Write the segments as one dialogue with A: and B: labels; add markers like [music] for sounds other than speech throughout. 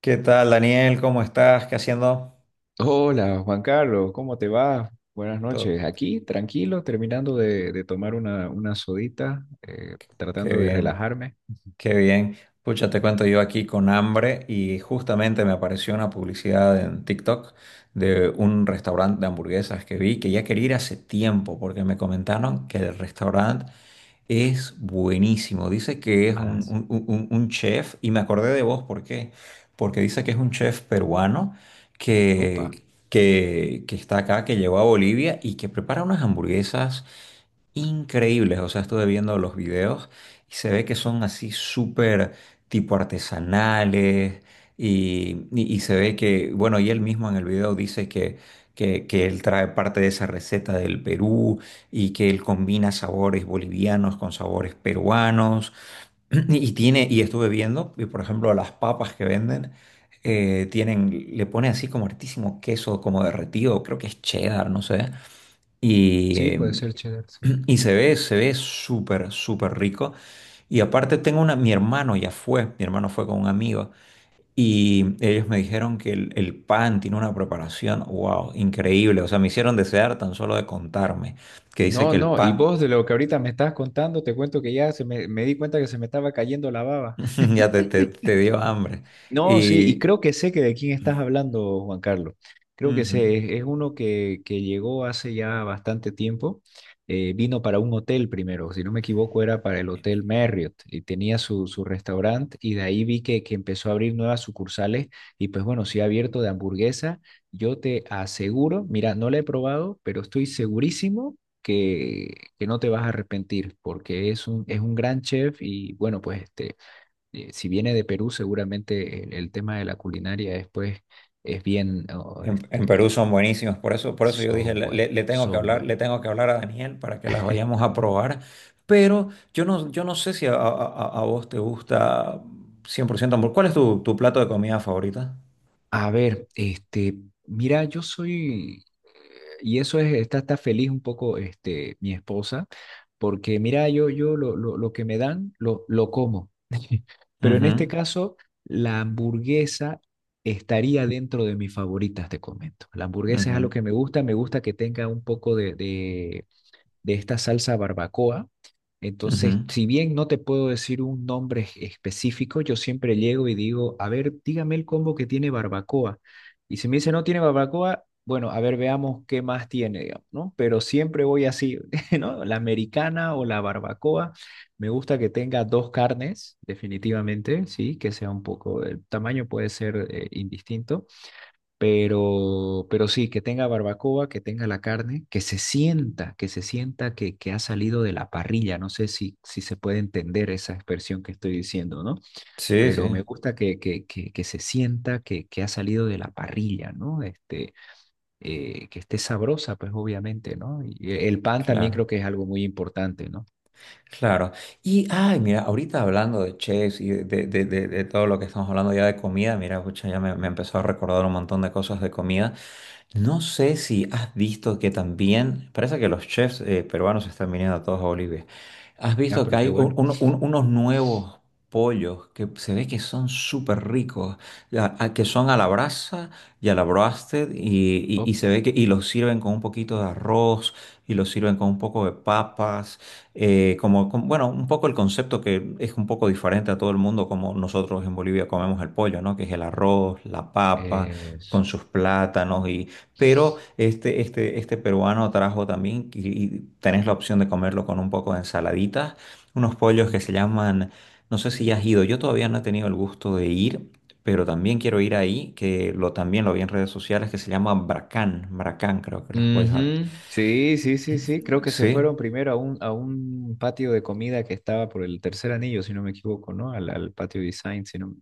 A: ¿Qué tal, Daniel? ¿Cómo estás? ¿Qué haciendo?
B: Hola, Juan Carlos, ¿cómo te va? Buenas
A: Todo.
B: noches. Aquí, tranquilo, terminando de tomar una sodita,
A: Qué
B: tratando de
A: bien,
B: relajarme.
A: qué bien. Pucha, te cuento, yo aquí con hambre y justamente me apareció una publicidad en TikTok de un restaurante de hamburguesas que vi, que ya quería ir hace tiempo porque me comentaron que el restaurante es buenísimo. Dice que es
B: Ah,
A: un,
B: sí.
A: un chef y me acordé de vos. ¿Por qué? Porque dice que es un chef peruano
B: Opa.
A: que está acá, que llegó a Bolivia y que prepara unas hamburguesas increíbles. O sea, estuve viendo los videos y se ve que son así súper tipo artesanales y se ve que, bueno, y él mismo en el video dice que él trae parte de esa receta del Perú y que él combina sabores bolivianos con sabores peruanos [clears throat] y tiene, y estuve viendo, y por ejemplo, las papas que venden, tienen, le pone así como hartísimo queso como derretido, creo que es cheddar, no sé. Y,
B: Sí, puede ser cheddar, sí.
A: [clears throat] y se ve súper, súper rico. Y aparte tengo una, mi hermano ya fue, mi hermano fue con un amigo y ellos me dijeron que el pan tiene una preparación, wow, increíble. O sea, me hicieron desear tan solo de contarme que dice
B: No,
A: que el
B: no, y
A: pan...
B: vos de lo que ahorita me estás contando, te cuento que ya me di cuenta que se me estaba cayendo la baba.
A: [laughs] Ya te, te dio hambre.
B: No, sí, y
A: Y
B: creo que sé que de quién estás hablando, Juan Carlos. Creo que
A: ujú.
B: sé, es uno que llegó hace ya bastante tiempo. Vino para un hotel primero, si no me equivoco, era para el Hotel Marriott y tenía su restaurante y de ahí vi que empezó a abrir nuevas sucursales y pues bueno, sí ha abierto de hamburguesa. Yo te aseguro, mira, no la he probado, pero estoy segurísimo que, que no te vas a arrepentir porque es un gran chef y bueno, pues este si viene de Perú, seguramente el tema de la culinaria después es bien, oh,
A: En Perú
B: este,
A: son buenísimos, por eso yo dije,
B: son
A: le,
B: buenos,
A: le tengo que
B: son
A: hablar,
B: buenos.
A: le tengo que hablar a Daniel para que las vayamos a probar, pero yo no, yo no sé si a vos te gusta 100% hamburguesa. ¿Cuál es tu, tu plato de comida favorita?
B: A ver, este, mira, yo soy, y eso está feliz un poco, este, mi esposa, porque mira, yo lo que me dan, lo como. [laughs] Pero en
A: Ujú,
B: este caso, la hamburguesa estaría dentro de mis favoritas, te comento. La hamburguesa es algo
A: ujú,
B: que me gusta que tenga un poco de esta salsa barbacoa.
A: ujú.
B: Entonces, si bien no te puedo decir un nombre específico, yo siempre llego y digo, a ver, dígame el combo que tiene barbacoa. Y si me dice no tiene barbacoa, bueno, a ver, veamos qué más tiene, digamos, ¿no? Pero siempre voy así, [laughs] ¿no? La americana o la barbacoa. Me gusta que tenga dos carnes, definitivamente, sí, que sea un poco, el tamaño puede ser indistinto pero sí, que tenga barbacoa, que tenga la carne, que se sienta, que se sienta que ha salido de la parrilla. No sé si se puede entender esa expresión que estoy diciendo, ¿no?
A: Sí,
B: Pero
A: sí,
B: me gusta que se sienta que ha salido de la parrilla, ¿no? Este, que esté sabrosa, pues obviamente, ¿no? Y el pan también
A: claro,
B: creo que es algo muy importante, ¿no?
A: claro. Y, ay, mira, ahorita hablando de chefs y de, de todo lo que estamos hablando ya de comida, mira, pucha, ya me empezó a recordar un montón de cosas de comida. No sé si has visto que también, parece que los chefs peruanos están viniendo a todos a Bolivia. Has
B: Ah,
A: visto que
B: pero qué
A: hay
B: bueno.
A: unos nuevos pollos que se ve que son súper ricos, que son a la brasa y a la broasted y
B: Oh.
A: se ve que y los sirven con un poquito de arroz y los sirven con un poco de papas, como, bueno, un poco el concepto, que es un poco diferente a todo el mundo, como nosotros en Bolivia comemos el pollo, ¿no? Que es el arroz, la papa
B: es-
A: con sus plátanos, pero este peruano trajo también, y tenés la opción de comerlo con un poco de ensaladitas, unos pollos que se
B: Ujú.
A: llaman, no sé si ya has ido, yo todavía no he tenido el gusto de ir, pero también quiero ir ahí, que lo, también lo vi en redes sociales, que se llama Bracán. Bracán creo que los pollos. Al-
B: Ujú. Sí, sí, sí, sí. Creo que se
A: sí.
B: fueron primero a un patio de comida que estaba por el tercer anillo, si no me equivoco, ¿no? Al patio design, si no.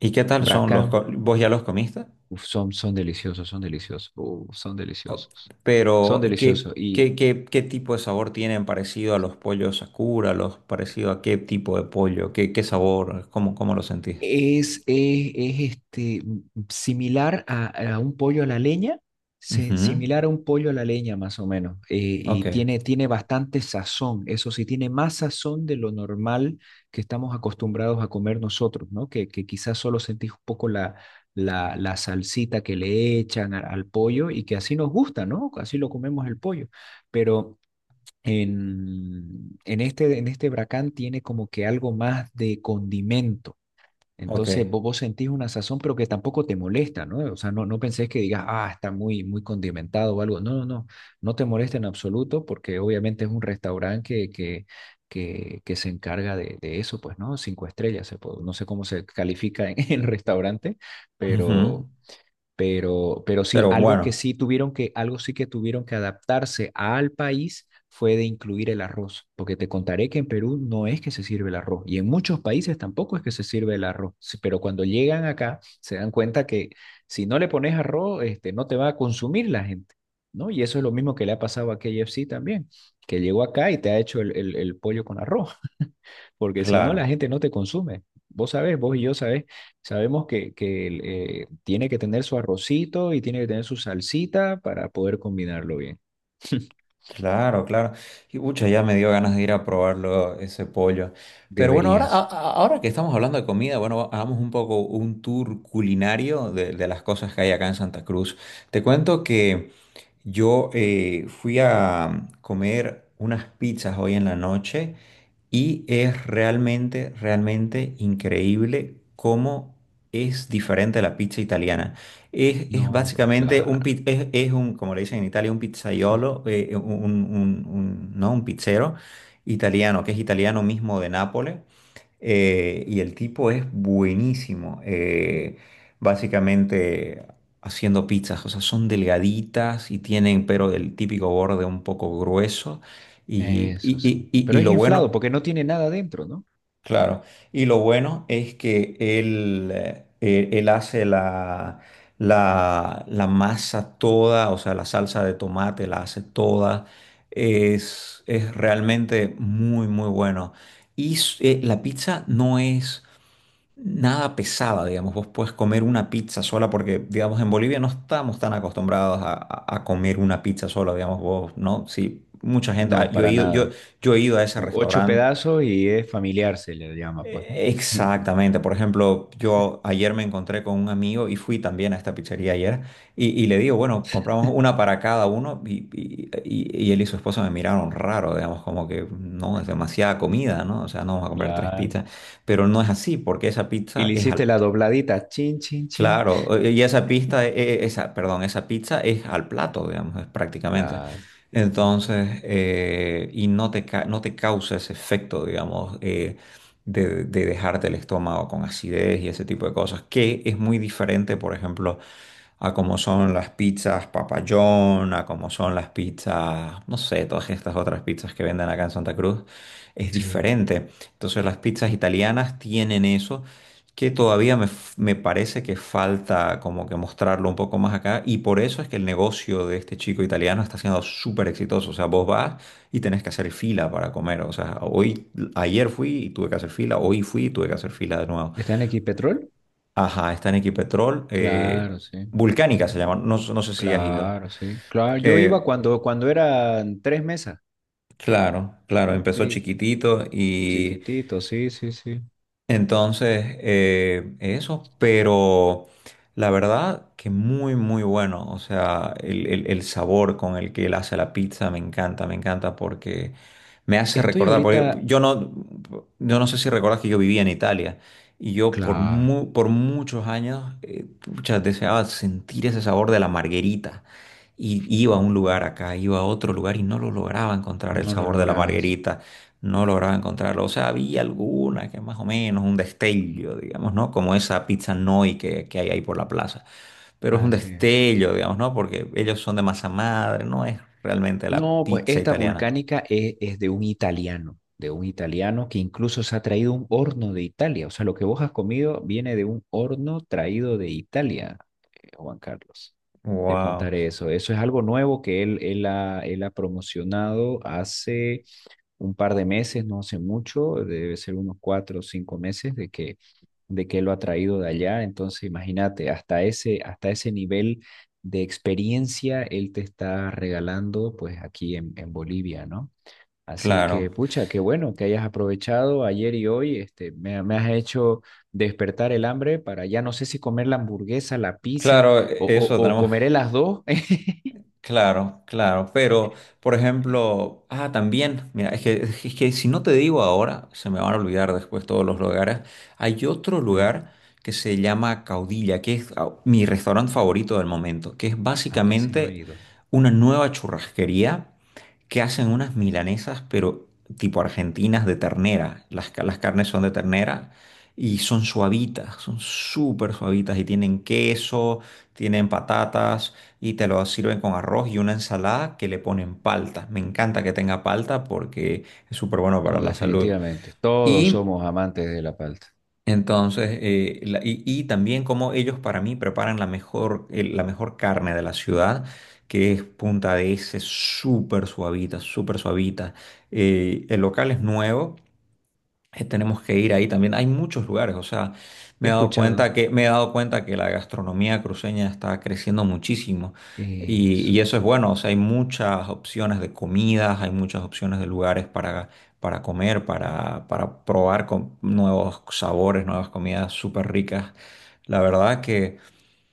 A: ¿Y qué tal son los?
B: Bracam.
A: ¿Vos ya los comiste?
B: Uf, son deliciosos, son deliciosos. Uf, son
A: O-
B: deliciosos. Son
A: pero,
B: deliciosos. Y
A: ¿qué tipo de sabor tienen, parecido a los pollos Sakura, los parecido a qué tipo de pollo? ¿Qué, qué sabor? ¿Cómo, cómo lo sentís?
B: Es, es, es, este, similar a un pollo a la leña,
A: Ujú,
B: similar a un pollo a la leña más o menos, y
A: ok,
B: tiene bastante sazón, eso sí, tiene más sazón de lo normal que estamos acostumbrados a comer nosotros, ¿no? Que quizás solo sentís un poco la salsita que le echan al pollo y que así nos gusta, ¿no? Así lo comemos el pollo, pero. En este bracán tiene como que algo más de condimento
A: ok.
B: entonces vos sentís una sazón, pero que tampoco te molesta, ¿no? O sea, no, no pensés que digas, ah, está muy, muy condimentado o algo. No, no, no, no te molesta en absoluto porque obviamente es un restaurante que se encarga de eso, pues, ¿no? Cinco estrellas, no sé cómo se califica en [laughs] el restaurante,
A: Ujú.
B: pero,
A: [laughs]
B: pero sí,
A: Pero bueno,
B: algo sí que tuvieron que adaptarse al país fue de incluir el arroz, porque te contaré que en Perú no es que se sirve el arroz y en muchos países tampoco es que se sirve el arroz, sí, pero cuando llegan acá se dan cuenta que si no le pones arroz, este, no te va a consumir la gente, ¿no? Y eso es lo mismo que le ha pasado a KFC también, que llegó acá y te ha hecho el pollo con arroz, [laughs] porque si no la
A: claro,
B: gente no te consume. Vos sabés, vos y yo sabés Sabemos que tiene que tener su arrocito y tiene que tener su salsita para poder combinarlo bien.
A: claro, claro. Y pucha, ya me dio ganas de ir a probarlo, ese pollo. Pero bueno, ahora,
B: Deberías.
A: ahora que estamos hablando de comida, bueno, hagamos un poco un tour culinario de las cosas que hay acá en Santa Cruz. Te cuento que yo fui a comer unas pizzas hoy en la noche y es realmente, realmente increíble cómo es diferente la pizza italiana. Es
B: No, pues
A: básicamente un,
B: claro,
A: es un, como le dicen en Italia, un pizzaiolo, un, no, un pizzero italiano, que es italiano mismo de Nápoles. Y el tipo es buenísimo, básicamente haciendo pizzas. O sea, son delgaditas y tienen, pero el típico borde un poco grueso. Y,
B: eso sí. Pero
A: y
B: es
A: lo
B: inflado
A: bueno...
B: porque no tiene nada dentro, ¿no?
A: Claro, y lo bueno es que él, él hace la, la, la masa toda, o sea, la salsa de tomate la hace toda. Es realmente muy, muy bueno. Y la pizza no es nada pesada, digamos. Vos puedes comer una pizza sola porque, digamos, en Bolivia no estamos tan acostumbrados a, a comer una pizza sola, digamos, vos, ¿no? Sí, mucha gente,
B: No,
A: ah, yo he
B: para
A: ido, yo,
B: nada.
A: yo he ido a ese
B: Son ocho
A: restaurante.
B: pedazos y es familiar, se le llama, pues, ¿no? [laughs]
A: Exactamente, por ejemplo, yo ayer me encontré con un amigo y fui también a esta pizzería ayer y le digo, bueno, compramos una para cada uno, y él y su esposa me miraron raro, digamos, como que no, es demasiada comida, ¿no? O sea, no vamos a comprar tres
B: Claro.
A: pizzas, pero no es así porque esa
B: Y
A: pizza
B: le
A: es,
B: hiciste
A: al-
B: la dobladita, chin, chin, chin.
A: claro, y esa pista, esa, perdón, esa pizza es al plato, digamos, es prácticamente.
B: Claro. Ujú.
A: Entonces, y no te, no te causa ese efecto, digamos, de dejarte el estómago con acidez y ese tipo de cosas, que es muy diferente, por ejemplo, a cómo son las pizzas papayón, a cómo son las pizzas, no sé, todas estas otras pizzas que venden acá en Santa Cruz, es
B: Sí.
A: diferente. Entonces, las pizzas italianas tienen eso que todavía me, me parece que falta como que mostrarlo un poco más acá, y por eso es que el negocio de este chico italiano está siendo súper exitoso. O sea, vos vas y tenés que hacer fila para comer. O sea, hoy, ayer fui y tuve que hacer fila, hoy fui y tuve que hacer fila de nuevo.
B: ¿Está en Equipetrol?
A: Ajá, está en Equipetrol.
B: Claro, sí.
A: Vulcánica se
B: Ujú.
A: llama, no, no sé si has ido.
B: Claro, sí. Claro, yo iba
A: Eh,
B: cuando eran tres mesas.
A: claro, claro, empezó
B: Sí,
A: chiquitito y...
B: chiquitito, sí, sí, sí.
A: Entonces, eso, pero la verdad que muy, muy bueno. O sea, el, el sabor con el que él hace la pizza me encanta, me encanta, porque me hace
B: Estoy
A: recordar, porque
B: ahorita,
A: yo no, yo no sé si recuerdas que yo vivía en Italia, y yo por,
B: claro,
A: por muchos años, pucha, deseaba sentir ese sabor de la marguerita. Y iba a un lugar
B: ujú,
A: acá, iba a otro lugar y no lo lograba encontrar el
B: no lo
A: sabor de la
B: lograbas.
A: marguerita. No lograba encontrarlo. O sea, había alguna que más o menos, un destello, digamos, ¿no? Como esa pizza Noi que hay ahí por la plaza. Pero es un
B: Así es.
A: destello, digamos, ¿no? Porque ellos son de masa madre, no es realmente la
B: No, pues
A: pizza
B: esta
A: italiana.
B: volcánica es de un italiano, que incluso se ha traído un horno de Italia. O sea, lo que vos has comido viene de un horno traído de Italia, Juan Carlos. Te
A: Wow.
B: contaré eso. Eso es algo nuevo que él ha promocionado hace un par de meses, no hace mucho, debe ser unos 4 o 5 meses de que lo ha traído de allá. Entonces, imagínate, hasta ese nivel de experiencia él te está regalando pues aquí en Bolivia, ¿no? Así que,
A: Claro,
B: pucha, qué bueno que hayas aprovechado ayer y hoy, este, me has hecho despertar el hambre para ya no sé si comer la hamburguesa, la pizza
A: claro,
B: o, o,
A: eso
B: o
A: tenemos.
B: comeré las dos. [laughs]
A: Claro, claro, pero por ejemplo, ah, también, mira, es que si no te digo ahora, se me van a olvidar después todos los lugares. Hay otro
B: Sí.
A: lugar que se llama Caudilla, que es, ah, mi restaurante favorito del momento, que es
B: Ah, ese no he
A: básicamente
B: ido.
A: una nueva churrasquería, que hacen unas milanesas, pero tipo argentinas, de ternera. Las, las carnes son de ternera y son suavitas, son súper suavitas y tienen queso, tienen patatas y te lo sirven con arroz y una ensalada que le ponen palta. Me encanta que tenga palta porque es súper bueno para
B: No,
A: la salud.
B: definitivamente. Todos
A: Y
B: somos amantes de la palta.
A: entonces, y también como ellos para mí preparan la mejor, la mejor carne de la ciudad, que es Punta de ese, súper suavita, súper suavita. El local es nuevo, tenemos que ir ahí también. Hay muchos lugares, o sea, me
B: He
A: he dado
B: escuchado.
A: cuenta que, me he dado cuenta que la gastronomía cruceña está creciendo muchísimo,
B: Eso.
A: y eso es bueno, o sea, hay muchas opciones de comidas, hay muchas opciones de lugares para comer, para probar con nuevos sabores, nuevas comidas súper ricas. La verdad que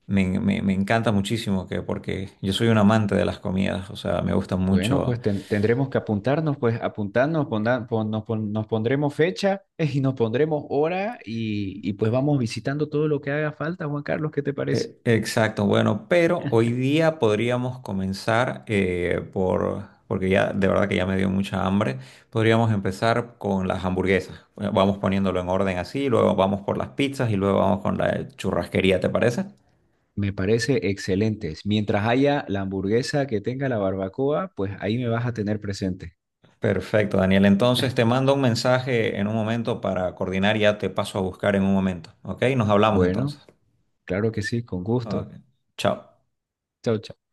A: me, me encanta muchísimo que, porque yo soy un amante de las comidas, o sea, me gusta
B: Bueno,
A: mucho.
B: pues tendremos que apuntarnos, pues apuntarnos, nos pondremos fecha [laughs] y nos pondremos hora y pues vamos visitando todo lo que haga falta, Juan Carlos, ¿qué te parece?
A: Exacto, bueno, pero hoy día podríamos comenzar, por, porque ya de verdad que ya me dio mucha hambre, podríamos empezar con las hamburguesas. Bueno, vamos poniéndolo en orden así, luego vamos por las pizzas y luego vamos con la churrasquería, ¿te parece?
B: Me parece excelente. Mientras haya la hamburguesa que tenga la barbacoa, pues ahí me vas a tener presente.
A: Perfecto, Daniel. Entonces te mando un mensaje en un momento para coordinar, ya te paso a buscar en un momento, ¿ok? Nos hablamos
B: Bueno,
A: entonces.
B: claro que sí, con
A: Ok.
B: gusto.
A: Chao.
B: Chao, chao.